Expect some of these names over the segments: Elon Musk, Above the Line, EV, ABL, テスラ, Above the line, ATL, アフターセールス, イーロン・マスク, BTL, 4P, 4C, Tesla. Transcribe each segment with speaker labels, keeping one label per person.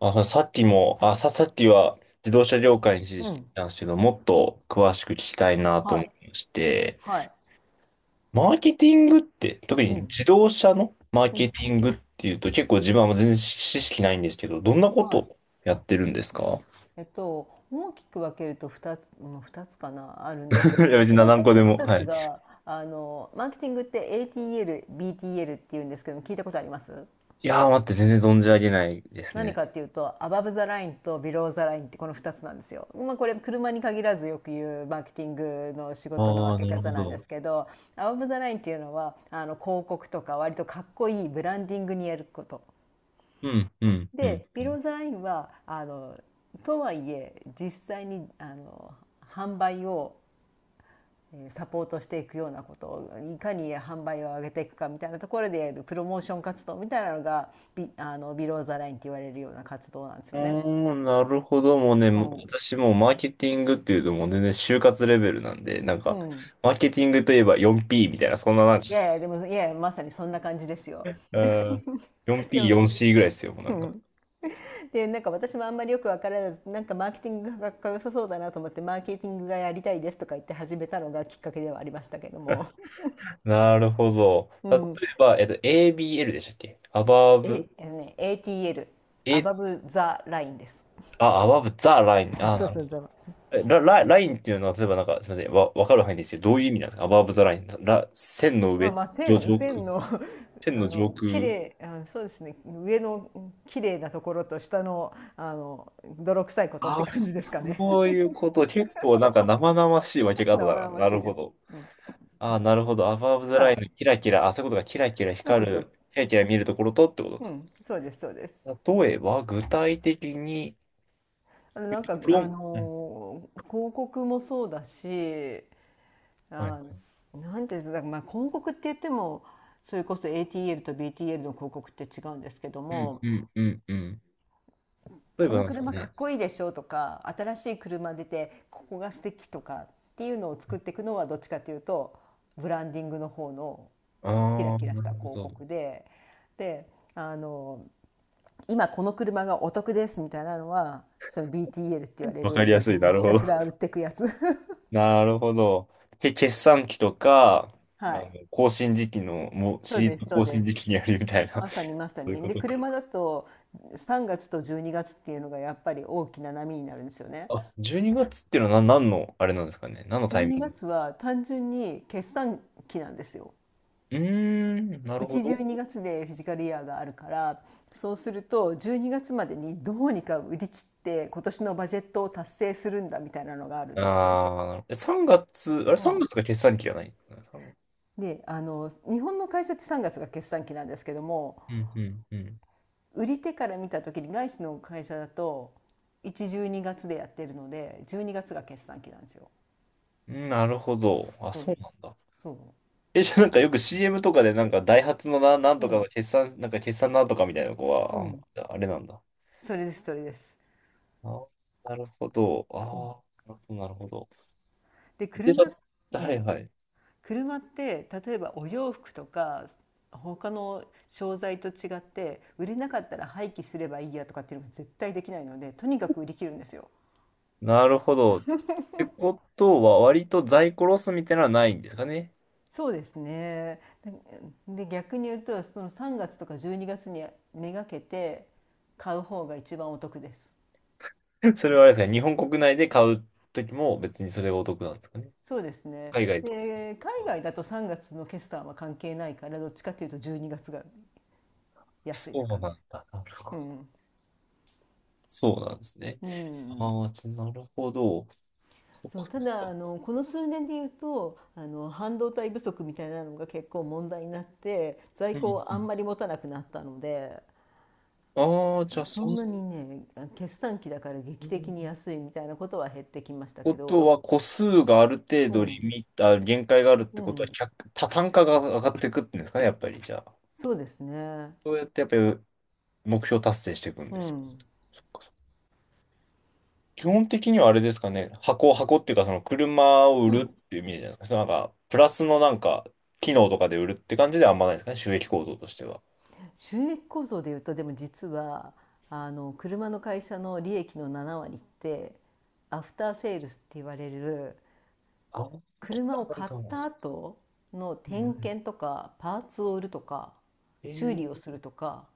Speaker 1: さっきは自動車業界につ
Speaker 2: う
Speaker 1: いて
Speaker 2: ん。
Speaker 1: なんですけど、もっと詳しく聞きたいなと
Speaker 2: は
Speaker 1: 思
Speaker 2: い。
Speaker 1: いまして、
Speaker 2: はい。
Speaker 1: マーケティングって、特
Speaker 2: う
Speaker 1: に
Speaker 2: ん。
Speaker 1: 自動車のマー
Speaker 2: う
Speaker 1: ケ
Speaker 2: ん。
Speaker 1: ティングっていうと、結構自分は全然知識ないんですけど、どんなこ
Speaker 2: はい。
Speaker 1: とやってるんですか？
Speaker 2: 大きく分けると2つ、ふたつかな、あるんですけ
Speaker 1: い
Speaker 2: ど
Speaker 1: や、
Speaker 2: も、
Speaker 1: 別に
Speaker 2: 1
Speaker 1: 何
Speaker 2: つ、
Speaker 1: 個でも。
Speaker 2: 一
Speaker 1: は
Speaker 2: つ
Speaker 1: い。
Speaker 2: が、マーケティングって ATL、BTL って言うんですけども、聞いたことあります？
Speaker 1: いやー、待って、全然存じ上げないです
Speaker 2: 何
Speaker 1: ね。
Speaker 2: かっていうと、アバブザラインとビローザラインってこの2つなんですよ。まあこれ車に限らずよく言うマーケティングの仕事の
Speaker 1: ああ、
Speaker 2: 分け
Speaker 1: なるほ
Speaker 2: 方なんで
Speaker 1: ど。
Speaker 2: すけど、アバブザラインっていうのは、広告とか割とかっこいいブランディングにやること。
Speaker 1: うん、うん、うん。
Speaker 2: でビローズラインはとはいえ実際に販売をサポートしていくようなことをいかに販売を上げていくかみたいなところでやるプロモーション活動みたいなのがビあのビローザラインって言われるような活動なんです
Speaker 1: お
Speaker 2: よね。
Speaker 1: ー、なるほど。もうね、
Speaker 2: う
Speaker 1: もう
Speaker 2: ん、
Speaker 1: 私もうマーケティングっていうともう全然就活レベルなんで、なん
Speaker 2: う
Speaker 1: か、
Speaker 2: ん、
Speaker 1: マーケティングといえば 4P みたいな、そんななんか、
Speaker 2: いやいやでもいやいやまさにそんな感じですよ。
Speaker 1: うん、
Speaker 2: でも、
Speaker 1: 4P、4C ぐらいですよ、もうな
Speaker 2: う
Speaker 1: んか。
Speaker 2: ん、でなんか私もあんまりよく分からずなんかマーケティングがかっこよさそうだなと思ってマーケティングがやりたいですとか言って始めたのがきっかけではありましたけども、
Speaker 1: なるほど。
Speaker 2: う
Speaker 1: 例え
Speaker 2: ん、
Speaker 1: ば、ABL でしたっけ？ Above？
Speaker 2: あのね、ATL、
Speaker 1: え、
Speaker 2: Above the Line です。
Speaker 1: あ、Above the line。あ、
Speaker 2: そ
Speaker 1: な
Speaker 2: う
Speaker 1: る
Speaker 2: そうそう。
Speaker 1: ほど。ラインっていうのは、例えばなんか、すみません、わかる範囲ですけど、どういう意味なんですか？ Above the line。線の
Speaker 2: まあ
Speaker 1: 上、
Speaker 2: まあ
Speaker 1: 上、上空、
Speaker 2: 線の
Speaker 1: 線の上
Speaker 2: 綺
Speaker 1: 空。
Speaker 2: 麗あそうですね、上の綺麗なところと下の泥臭いことっ
Speaker 1: あ
Speaker 2: て
Speaker 1: あ、
Speaker 2: 感じですかね。
Speaker 1: そういうこと。結構
Speaker 2: そ
Speaker 1: なんか生
Speaker 2: う、
Speaker 1: 々しい分け方
Speaker 2: 生
Speaker 1: だな。
Speaker 2: 々
Speaker 1: な
Speaker 2: し
Speaker 1: る
Speaker 2: いで
Speaker 1: ほ
Speaker 2: す、
Speaker 1: ど。
Speaker 2: うん、
Speaker 1: ああ、なるほど。アバブ・ザ・
Speaker 2: は
Speaker 1: ラインの
Speaker 2: い、
Speaker 1: キラキラ、そういうことがキラキラ
Speaker 2: そうそ
Speaker 1: 光
Speaker 2: うそう、
Speaker 1: る、キラキラ見えるところとってこと
Speaker 2: う
Speaker 1: か。
Speaker 2: ん、そうです、そうです、
Speaker 1: 例えば、具体的に言
Speaker 2: なん
Speaker 1: うと、
Speaker 2: か
Speaker 1: プロン、はい。
Speaker 2: 広告もそうだし、
Speaker 1: はい、
Speaker 2: あ、なんていうんですか、まあ広告って言ってもそれこそ ATL と BTL の広告って違うんですけど
Speaker 1: うん、
Speaker 2: も、
Speaker 1: うん、うん、うん。例え
Speaker 2: こ
Speaker 1: ば
Speaker 2: の
Speaker 1: なんですか
Speaker 2: 車かっ
Speaker 1: ね。
Speaker 2: こいいでしょとか新しい車出てここが素敵とかっていうのを作っていくのはどっちかというとブランディングの方のキラ
Speaker 1: ああ、
Speaker 2: キラし
Speaker 1: なる
Speaker 2: た
Speaker 1: ほ
Speaker 2: 広
Speaker 1: ど。
Speaker 2: 告で、であの今この車がお得ですみたいなのはその BTL って言われ
Speaker 1: わ
Speaker 2: る、う
Speaker 1: かりやすい。な
Speaker 2: ん、
Speaker 1: る
Speaker 2: ひ
Speaker 1: ほ
Speaker 2: たす
Speaker 1: ど。
Speaker 2: ら売ってくやつ。
Speaker 1: なるほど。決算期とか、
Speaker 2: はい、
Speaker 1: 更新時期の、もう
Speaker 2: そ
Speaker 1: シ
Speaker 2: う
Speaker 1: リーズ
Speaker 2: です、
Speaker 1: の
Speaker 2: そう
Speaker 1: 更新
Speaker 2: です、
Speaker 1: 時期にやるみたいな。
Speaker 2: まさ
Speaker 1: そ
Speaker 2: にまさ
Speaker 1: ういう
Speaker 2: に。
Speaker 1: こ
Speaker 2: で、
Speaker 1: とか。
Speaker 2: 車だと3月と12月っていうのがやっぱり大きな波になるんですよね。
Speaker 1: あ、12月っていうのは何、の、あれなんですかね。何のタ
Speaker 2: 12
Speaker 1: イミング？
Speaker 2: 月は単純に決算期なんですよ。
Speaker 1: うーん、なるほ
Speaker 2: 1、12
Speaker 1: ど。
Speaker 2: 月でフィジカルイヤーがあるから、そうすると12月までにどうにか売り切って今年のバジェットを達成するんだみたいなのがある
Speaker 1: あ
Speaker 2: んですね。
Speaker 1: あ、なるほど。3月、あれ、
Speaker 2: うん、
Speaker 1: 3月がつが決算期じゃない？さんがつ、
Speaker 2: で、日本の会社って3月がつが決算期なんですけども、
Speaker 1: うん、うん、うん。
Speaker 2: 売り手から見た時に外資の会社だと1、12月でやってるので、12月がつが決算期なんですよ。
Speaker 1: うん、なるほど。あ、
Speaker 2: そ
Speaker 1: そう
Speaker 2: う、
Speaker 1: なんだ。
Speaker 2: そ
Speaker 1: え、じゃあなんかよく CM とかでなんかダイハツのなん
Speaker 2: う。
Speaker 1: と
Speaker 2: う
Speaker 1: かの
Speaker 2: ん、
Speaker 1: 決算、なんか決算なんとかみたいな子
Speaker 2: う
Speaker 1: は、
Speaker 2: ん。
Speaker 1: あ、あれなんだ。
Speaker 2: それです、それです。
Speaker 1: あ、なるほど。
Speaker 2: うん、
Speaker 1: ああ、なるほど。
Speaker 2: で、
Speaker 1: で、
Speaker 2: 車、
Speaker 1: だ、
Speaker 2: う
Speaker 1: はい
Speaker 2: ん。
Speaker 1: はい。
Speaker 2: 車って、例えばお洋服とか、他の商材と違って、売れなかったら廃棄すればいいやとかっていうのが絶対できないので、とにかく売り切るんですよ。
Speaker 1: なるほど。ってことは、割と在庫ロスみたいなのはないんですかね。
Speaker 2: そうですね。で、逆に言うと、その3月とか12月にがつにめがけて買う方が一番お得です。
Speaker 1: それはあれですね、日本国内で買うときも別にそれがお得なんですかね。
Speaker 2: そうですね。
Speaker 1: 海外とか。
Speaker 2: で、海外だと3月の決算は関係ないから、どっちかっていうと12月がつが安いで
Speaker 1: そ
Speaker 2: す
Speaker 1: うな
Speaker 2: か
Speaker 1: ん
Speaker 2: ね。
Speaker 1: だ。なるほ
Speaker 2: う
Speaker 1: ど。
Speaker 2: ん、
Speaker 1: そうなんですね。
Speaker 2: うん、
Speaker 1: ああ、なるほど。そっ
Speaker 2: そう、
Speaker 1: かそ
Speaker 2: た
Speaker 1: っ
Speaker 2: だ
Speaker 1: か。
Speaker 2: この数年で言うと半導体不足みたいなのが結構問題になって在
Speaker 1: う
Speaker 2: 庫
Speaker 1: ん
Speaker 2: を
Speaker 1: う
Speaker 2: あん
Speaker 1: ん。
Speaker 2: まり持たなくなったので、
Speaker 1: ああ、じゃあ、
Speaker 2: そ
Speaker 1: そ
Speaker 2: ん
Speaker 1: ん
Speaker 2: なにね、決算期だから
Speaker 1: う
Speaker 2: 劇的
Speaker 1: ん
Speaker 2: に安いみたいなことは減ってきました
Speaker 1: こ
Speaker 2: け
Speaker 1: と
Speaker 2: ど、
Speaker 1: は、個数がある程
Speaker 2: う
Speaker 1: 度リ
Speaker 2: ん、
Speaker 1: ミッター、限界があるっ
Speaker 2: う
Speaker 1: てことは、
Speaker 2: ん、
Speaker 1: 単価が上がっていくっていうんですかね、やっぱり。じゃあ、
Speaker 2: そうですね、
Speaker 1: そうやってやっぱり目標達成していくん
Speaker 2: う
Speaker 1: ですよ
Speaker 2: ん、
Speaker 1: ね。基本的にはあれですかね、箱っていうか、その車を売
Speaker 2: う
Speaker 1: るっ
Speaker 2: ん、
Speaker 1: ていう意味じゃないですか。そのなんか、プラスのなんか、機能とかで売るって感じではあんまないですかね、収益構造としては。
Speaker 2: 収益構造で言うとでも実は車の会社の利益の7割ってアフターセールスって言われる、
Speaker 1: あ、機
Speaker 2: 車
Speaker 1: 能
Speaker 2: を
Speaker 1: ある
Speaker 2: 買っ
Speaker 1: かも
Speaker 2: た
Speaker 1: し
Speaker 2: 後の
Speaker 1: れな
Speaker 2: 点
Speaker 1: い。
Speaker 2: 検とかパーツを売るとか
Speaker 1: え
Speaker 2: 修
Speaker 1: ー、
Speaker 2: 理をするとか、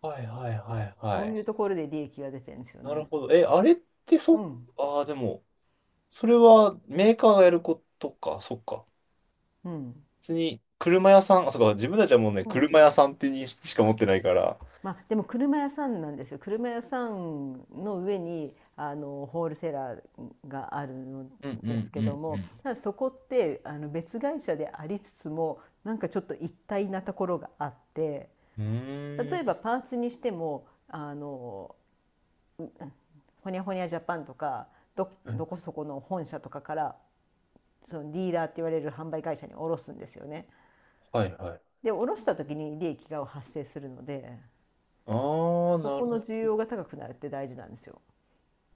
Speaker 1: はいはいはいは
Speaker 2: そう
Speaker 1: い。
Speaker 2: いうところで利益が出てるんですよ
Speaker 1: なる
Speaker 2: ね。
Speaker 1: ほど。え、あれって
Speaker 2: う
Speaker 1: そ、
Speaker 2: ん、
Speaker 1: ああ、でも、それはメーカーがやることか、そっか。
Speaker 2: うん、
Speaker 1: 別に、車屋さん、あ、そっか、自分たちはもうね、
Speaker 2: う
Speaker 1: 車
Speaker 2: ん、
Speaker 1: 屋さんってにしか持ってないから。
Speaker 2: まあ、でも車屋さんなんですよ、車屋さんの上にホールセラーがあるの
Speaker 1: うんう
Speaker 2: です
Speaker 1: んう
Speaker 2: けど
Speaker 1: ん
Speaker 2: も、ただそこって別会社でありつつもなんかちょっと一体なところがあって、
Speaker 1: うん。
Speaker 2: 例え
Speaker 1: う
Speaker 2: ばパーツにしてもホニャホニャジャパンとか
Speaker 1: ーん。
Speaker 2: どこそこの本社とかから、そのディーラーって言われる販売会社に卸すんですよね。
Speaker 1: はいはい。
Speaker 2: で卸した時に利益が発生するので、
Speaker 1: ああ、
Speaker 2: そこの需要が高くなるって大事なんですよ。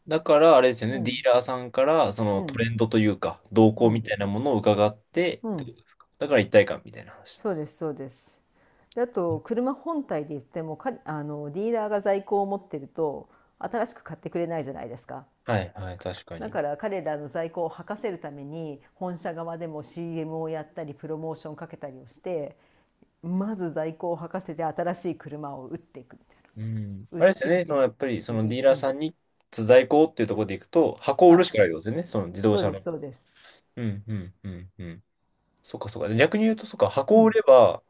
Speaker 1: だから、あれですよ
Speaker 2: う
Speaker 1: ね、ディ
Speaker 2: ん、
Speaker 1: ーラーさんから、そ
Speaker 2: う
Speaker 1: のト
Speaker 2: ん、
Speaker 1: レンドというか、動
Speaker 2: う
Speaker 1: 向み
Speaker 2: ん、
Speaker 1: たいなものを伺って、
Speaker 2: う
Speaker 1: ってこ
Speaker 2: ん、
Speaker 1: とですか？だから一体感みたいな話だ。
Speaker 2: そうです、そうです。であと車本体で言ってもかあのディーラーが在庫を持ってると新しく買ってくれないじゃないですか。
Speaker 1: はいはい、確か
Speaker 2: だ
Speaker 1: に。
Speaker 2: から彼らの在庫を吐かせるために本社側でも CM をやったりプロモーションかけたりをして、まず在庫を履かせて新しい車を売っていくみたいな。
Speaker 1: うん。
Speaker 2: 売
Speaker 1: あ
Speaker 2: っ
Speaker 1: れですよ
Speaker 2: ていくっ
Speaker 1: ね、
Speaker 2: て
Speaker 1: そ
Speaker 2: いう
Speaker 1: の
Speaker 2: の
Speaker 1: や
Speaker 2: は
Speaker 1: っぱり、そ
Speaker 2: 修
Speaker 1: のデ
Speaker 2: 理、
Speaker 1: ィーラー
Speaker 2: うん。
Speaker 1: さんに在庫っていうところでいくと、箱を売
Speaker 2: は
Speaker 1: る
Speaker 2: い。
Speaker 1: しかないってことですよね、その自動
Speaker 2: そう
Speaker 1: 車
Speaker 2: です、
Speaker 1: の。
Speaker 2: そうです。
Speaker 1: うんうんうんうん。そっかそっか。逆に言うと、そっか、
Speaker 2: う
Speaker 1: 箱を売れ
Speaker 2: ん。
Speaker 1: ば、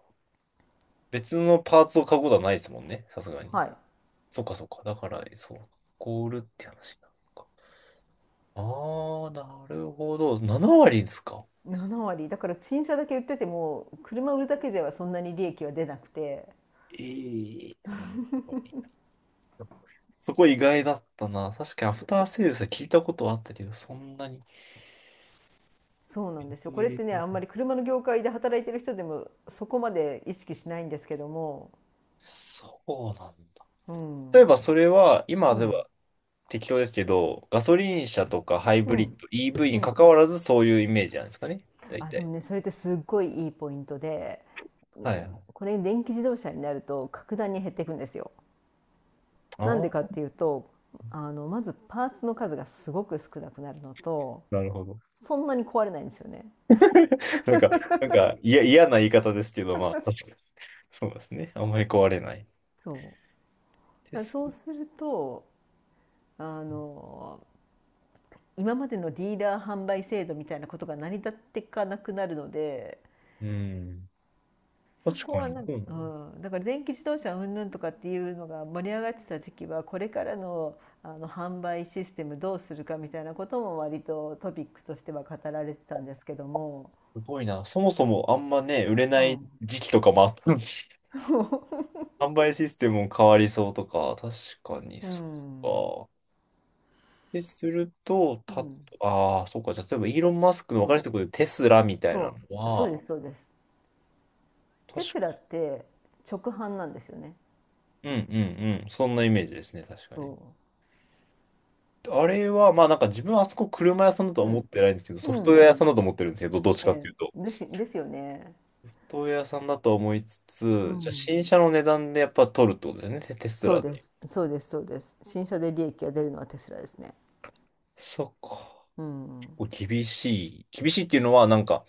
Speaker 1: 別のパーツを買うことはないですもんね、さすがに。
Speaker 2: はい。
Speaker 1: そっかそっか。だから、そう、箱を売るって話なのか。ああ、なるほど。7割ですか。
Speaker 2: 7割。だから新車だけ売ってても、車売るだけではそんなに利益は出なくて、
Speaker 1: ええ、なるほどね。そこ意外だったな。確かにアフターセールスは聞いたことはあったけど、そんなに。
Speaker 2: そうなんですよ。これっ
Speaker 1: え
Speaker 2: てね、あんま
Speaker 1: え、
Speaker 2: り車の業界で働いてる人でもそこまで意識しないんですけども、
Speaker 1: そうなんだ。
Speaker 2: う
Speaker 1: 例
Speaker 2: ん。
Speaker 1: えばそれは、今
Speaker 2: う
Speaker 1: で
Speaker 2: ん。
Speaker 1: は適当ですけど、ガソリン車とかハイ
Speaker 2: う
Speaker 1: ブリッ
Speaker 2: ん。
Speaker 1: ド、EV
Speaker 2: う
Speaker 1: に関
Speaker 2: ん。
Speaker 1: わらずそういうイメージなんですかね。大
Speaker 2: あ、で
Speaker 1: 体。
Speaker 2: もね、それってすっごいいいポイントで、
Speaker 1: はい。
Speaker 2: これ電気自動車になると格段に減っていくんですよ。なん
Speaker 1: あ
Speaker 2: でか
Speaker 1: あ、
Speaker 2: っていうとまずパーツの数がすごく少なくなるのと、
Speaker 1: なるほど。
Speaker 2: そんなに壊れないんですよね。
Speaker 1: なんか、いや、嫌な言い方ですけど、まあ、確かに。そうですね。あんまり壊れない
Speaker 2: そう、
Speaker 1: で
Speaker 2: だから
Speaker 1: す。
Speaker 2: そうするとあの今までのディーラー販売制度みたいなことが成り立っていかなくなるので、
Speaker 1: うん。
Speaker 2: そ
Speaker 1: 確
Speaker 2: こ
Speaker 1: か
Speaker 2: は
Speaker 1: に。
Speaker 2: なん
Speaker 1: う
Speaker 2: か、う
Speaker 1: ん、
Speaker 2: ん、だから電気自動車云々とかっていうのが盛り上がってた時期は、これからの販売システムどうするかみたいなことも割とトピックとしては語られてたんですけども、
Speaker 1: すごいな。そもそもあんまね、売れ
Speaker 2: う
Speaker 1: ない
Speaker 2: ん。
Speaker 1: 時期とかもあったのに、販売システムも変わりそうとか、確かに
Speaker 2: う
Speaker 1: そ
Speaker 2: ん、
Speaker 1: うか。ですると、
Speaker 2: う
Speaker 1: た、
Speaker 2: ん、
Speaker 1: ああ、そうか。じゃあ例えばイーロン・マスクの
Speaker 2: う
Speaker 1: 分かりやす
Speaker 2: ん、
Speaker 1: いところでテスラみたいな
Speaker 2: そ
Speaker 1: の
Speaker 2: う、そ
Speaker 1: は、
Speaker 2: うです、そうです。テ
Speaker 1: 確
Speaker 2: ス
Speaker 1: か、
Speaker 2: ラって直販なんですよね。
Speaker 1: うんうんうん。そんなイメージですね、確かに。
Speaker 2: そ
Speaker 1: あれは、まあなんか自分はあそこ車屋さんだと
Speaker 2: う。
Speaker 1: は
Speaker 2: う
Speaker 1: 思っ
Speaker 2: ん、
Speaker 1: てないんですけど、ソフ
Speaker 2: う
Speaker 1: トウェア
Speaker 2: ん。
Speaker 1: 屋さんだと思ってるんですけど、どっちかっ
Speaker 2: え
Speaker 1: ていうと。
Speaker 2: え、
Speaker 1: ソ
Speaker 2: ですよね。
Speaker 1: フトウェア屋さんだと思いつ
Speaker 2: う
Speaker 1: つ、じゃあ
Speaker 2: ん。
Speaker 1: 新車の値段でやっぱ取るってことですよね、テテス
Speaker 2: そう
Speaker 1: ラって。
Speaker 2: です、そうです、そうです。新車で利益が出るのはテスラですね。
Speaker 1: そっか。
Speaker 2: うん。
Speaker 1: こう厳しい。厳しいっていうのは、なんか、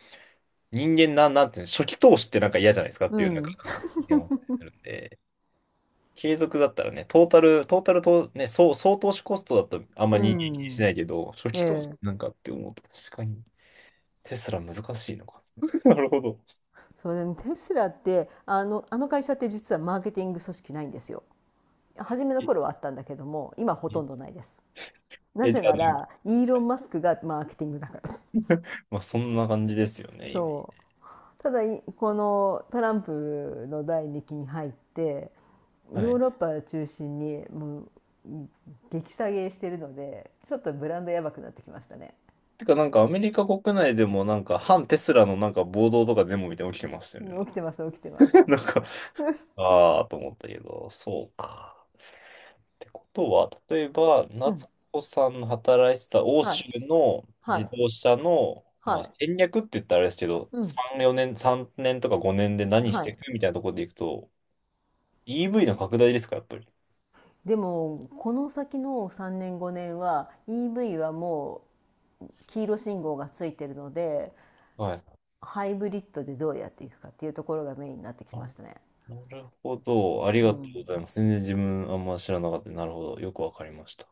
Speaker 1: 人間な、なんていうの、初期投資ってなんか嫌じゃないですかっ
Speaker 2: う
Speaker 1: ていう、なんか
Speaker 2: ん。
Speaker 1: 感覚に思ってるんで、継続だったらね、トータルと、ね、総投資コストだとあんま
Speaker 2: う
Speaker 1: 人間気にしな
Speaker 2: ん。
Speaker 1: いけど、初
Speaker 2: え
Speaker 1: 期投資
Speaker 2: え。
Speaker 1: なんかって思うと、確かに、テスラ難しいのか。なるほど。
Speaker 2: そうでもテスラって、あの会社って実はマーケティング組織ないんですよ。初めの
Speaker 1: え、
Speaker 2: 頃はあったんだけども、今ほ
Speaker 1: え
Speaker 2: とんどないです。な
Speaker 1: え、じ
Speaker 2: ぜ
Speaker 1: ゃ
Speaker 2: なら、
Speaker 1: あ、
Speaker 2: イーロン・マスクがマーケティングだから。
Speaker 1: まあ、そんな感じですよね、今。
Speaker 2: そう。ただこのトランプの第2期に入って
Speaker 1: は
Speaker 2: ヨー
Speaker 1: い。
Speaker 2: ロッパを中心にもう激下げしてるので、ちょっとブランドやばくなってきましたね。
Speaker 1: てか、なんか、アメリカ国内でも、なんか、反テスラのなんか暴動とかデモみたいなの起きてましたよね。なん
Speaker 2: うん、
Speaker 1: か、
Speaker 2: 起きてます、起きてます。
Speaker 1: なんかあーと思ったけど、そうか。ってことは、例えば、
Speaker 2: うん、
Speaker 1: 夏子さんの働いてた欧
Speaker 2: は
Speaker 1: 州
Speaker 2: い、
Speaker 1: の
Speaker 2: は
Speaker 1: 自
Speaker 2: い、
Speaker 1: 動車の、
Speaker 2: は
Speaker 1: まあ、
Speaker 2: い、
Speaker 1: 戦略って言ったらあれですけど、
Speaker 2: うん、
Speaker 1: 3、4年、3年とか5年で何し
Speaker 2: は
Speaker 1: てい
Speaker 2: い。
Speaker 1: くみたいなところでいくと、EV の拡大ですか、やっぱり。
Speaker 2: でもこの先の3年5年は EV はもう黄色信号がついてるので、
Speaker 1: はい。
Speaker 2: ハイブリッドでどうやっていくかっていうところがメインになってきま
Speaker 1: あ
Speaker 2: したね。
Speaker 1: なるほど。あり
Speaker 2: う
Speaker 1: がと
Speaker 2: ん。
Speaker 1: うございます。全然自分あんま知らなかった。なるほど。よくわかりました。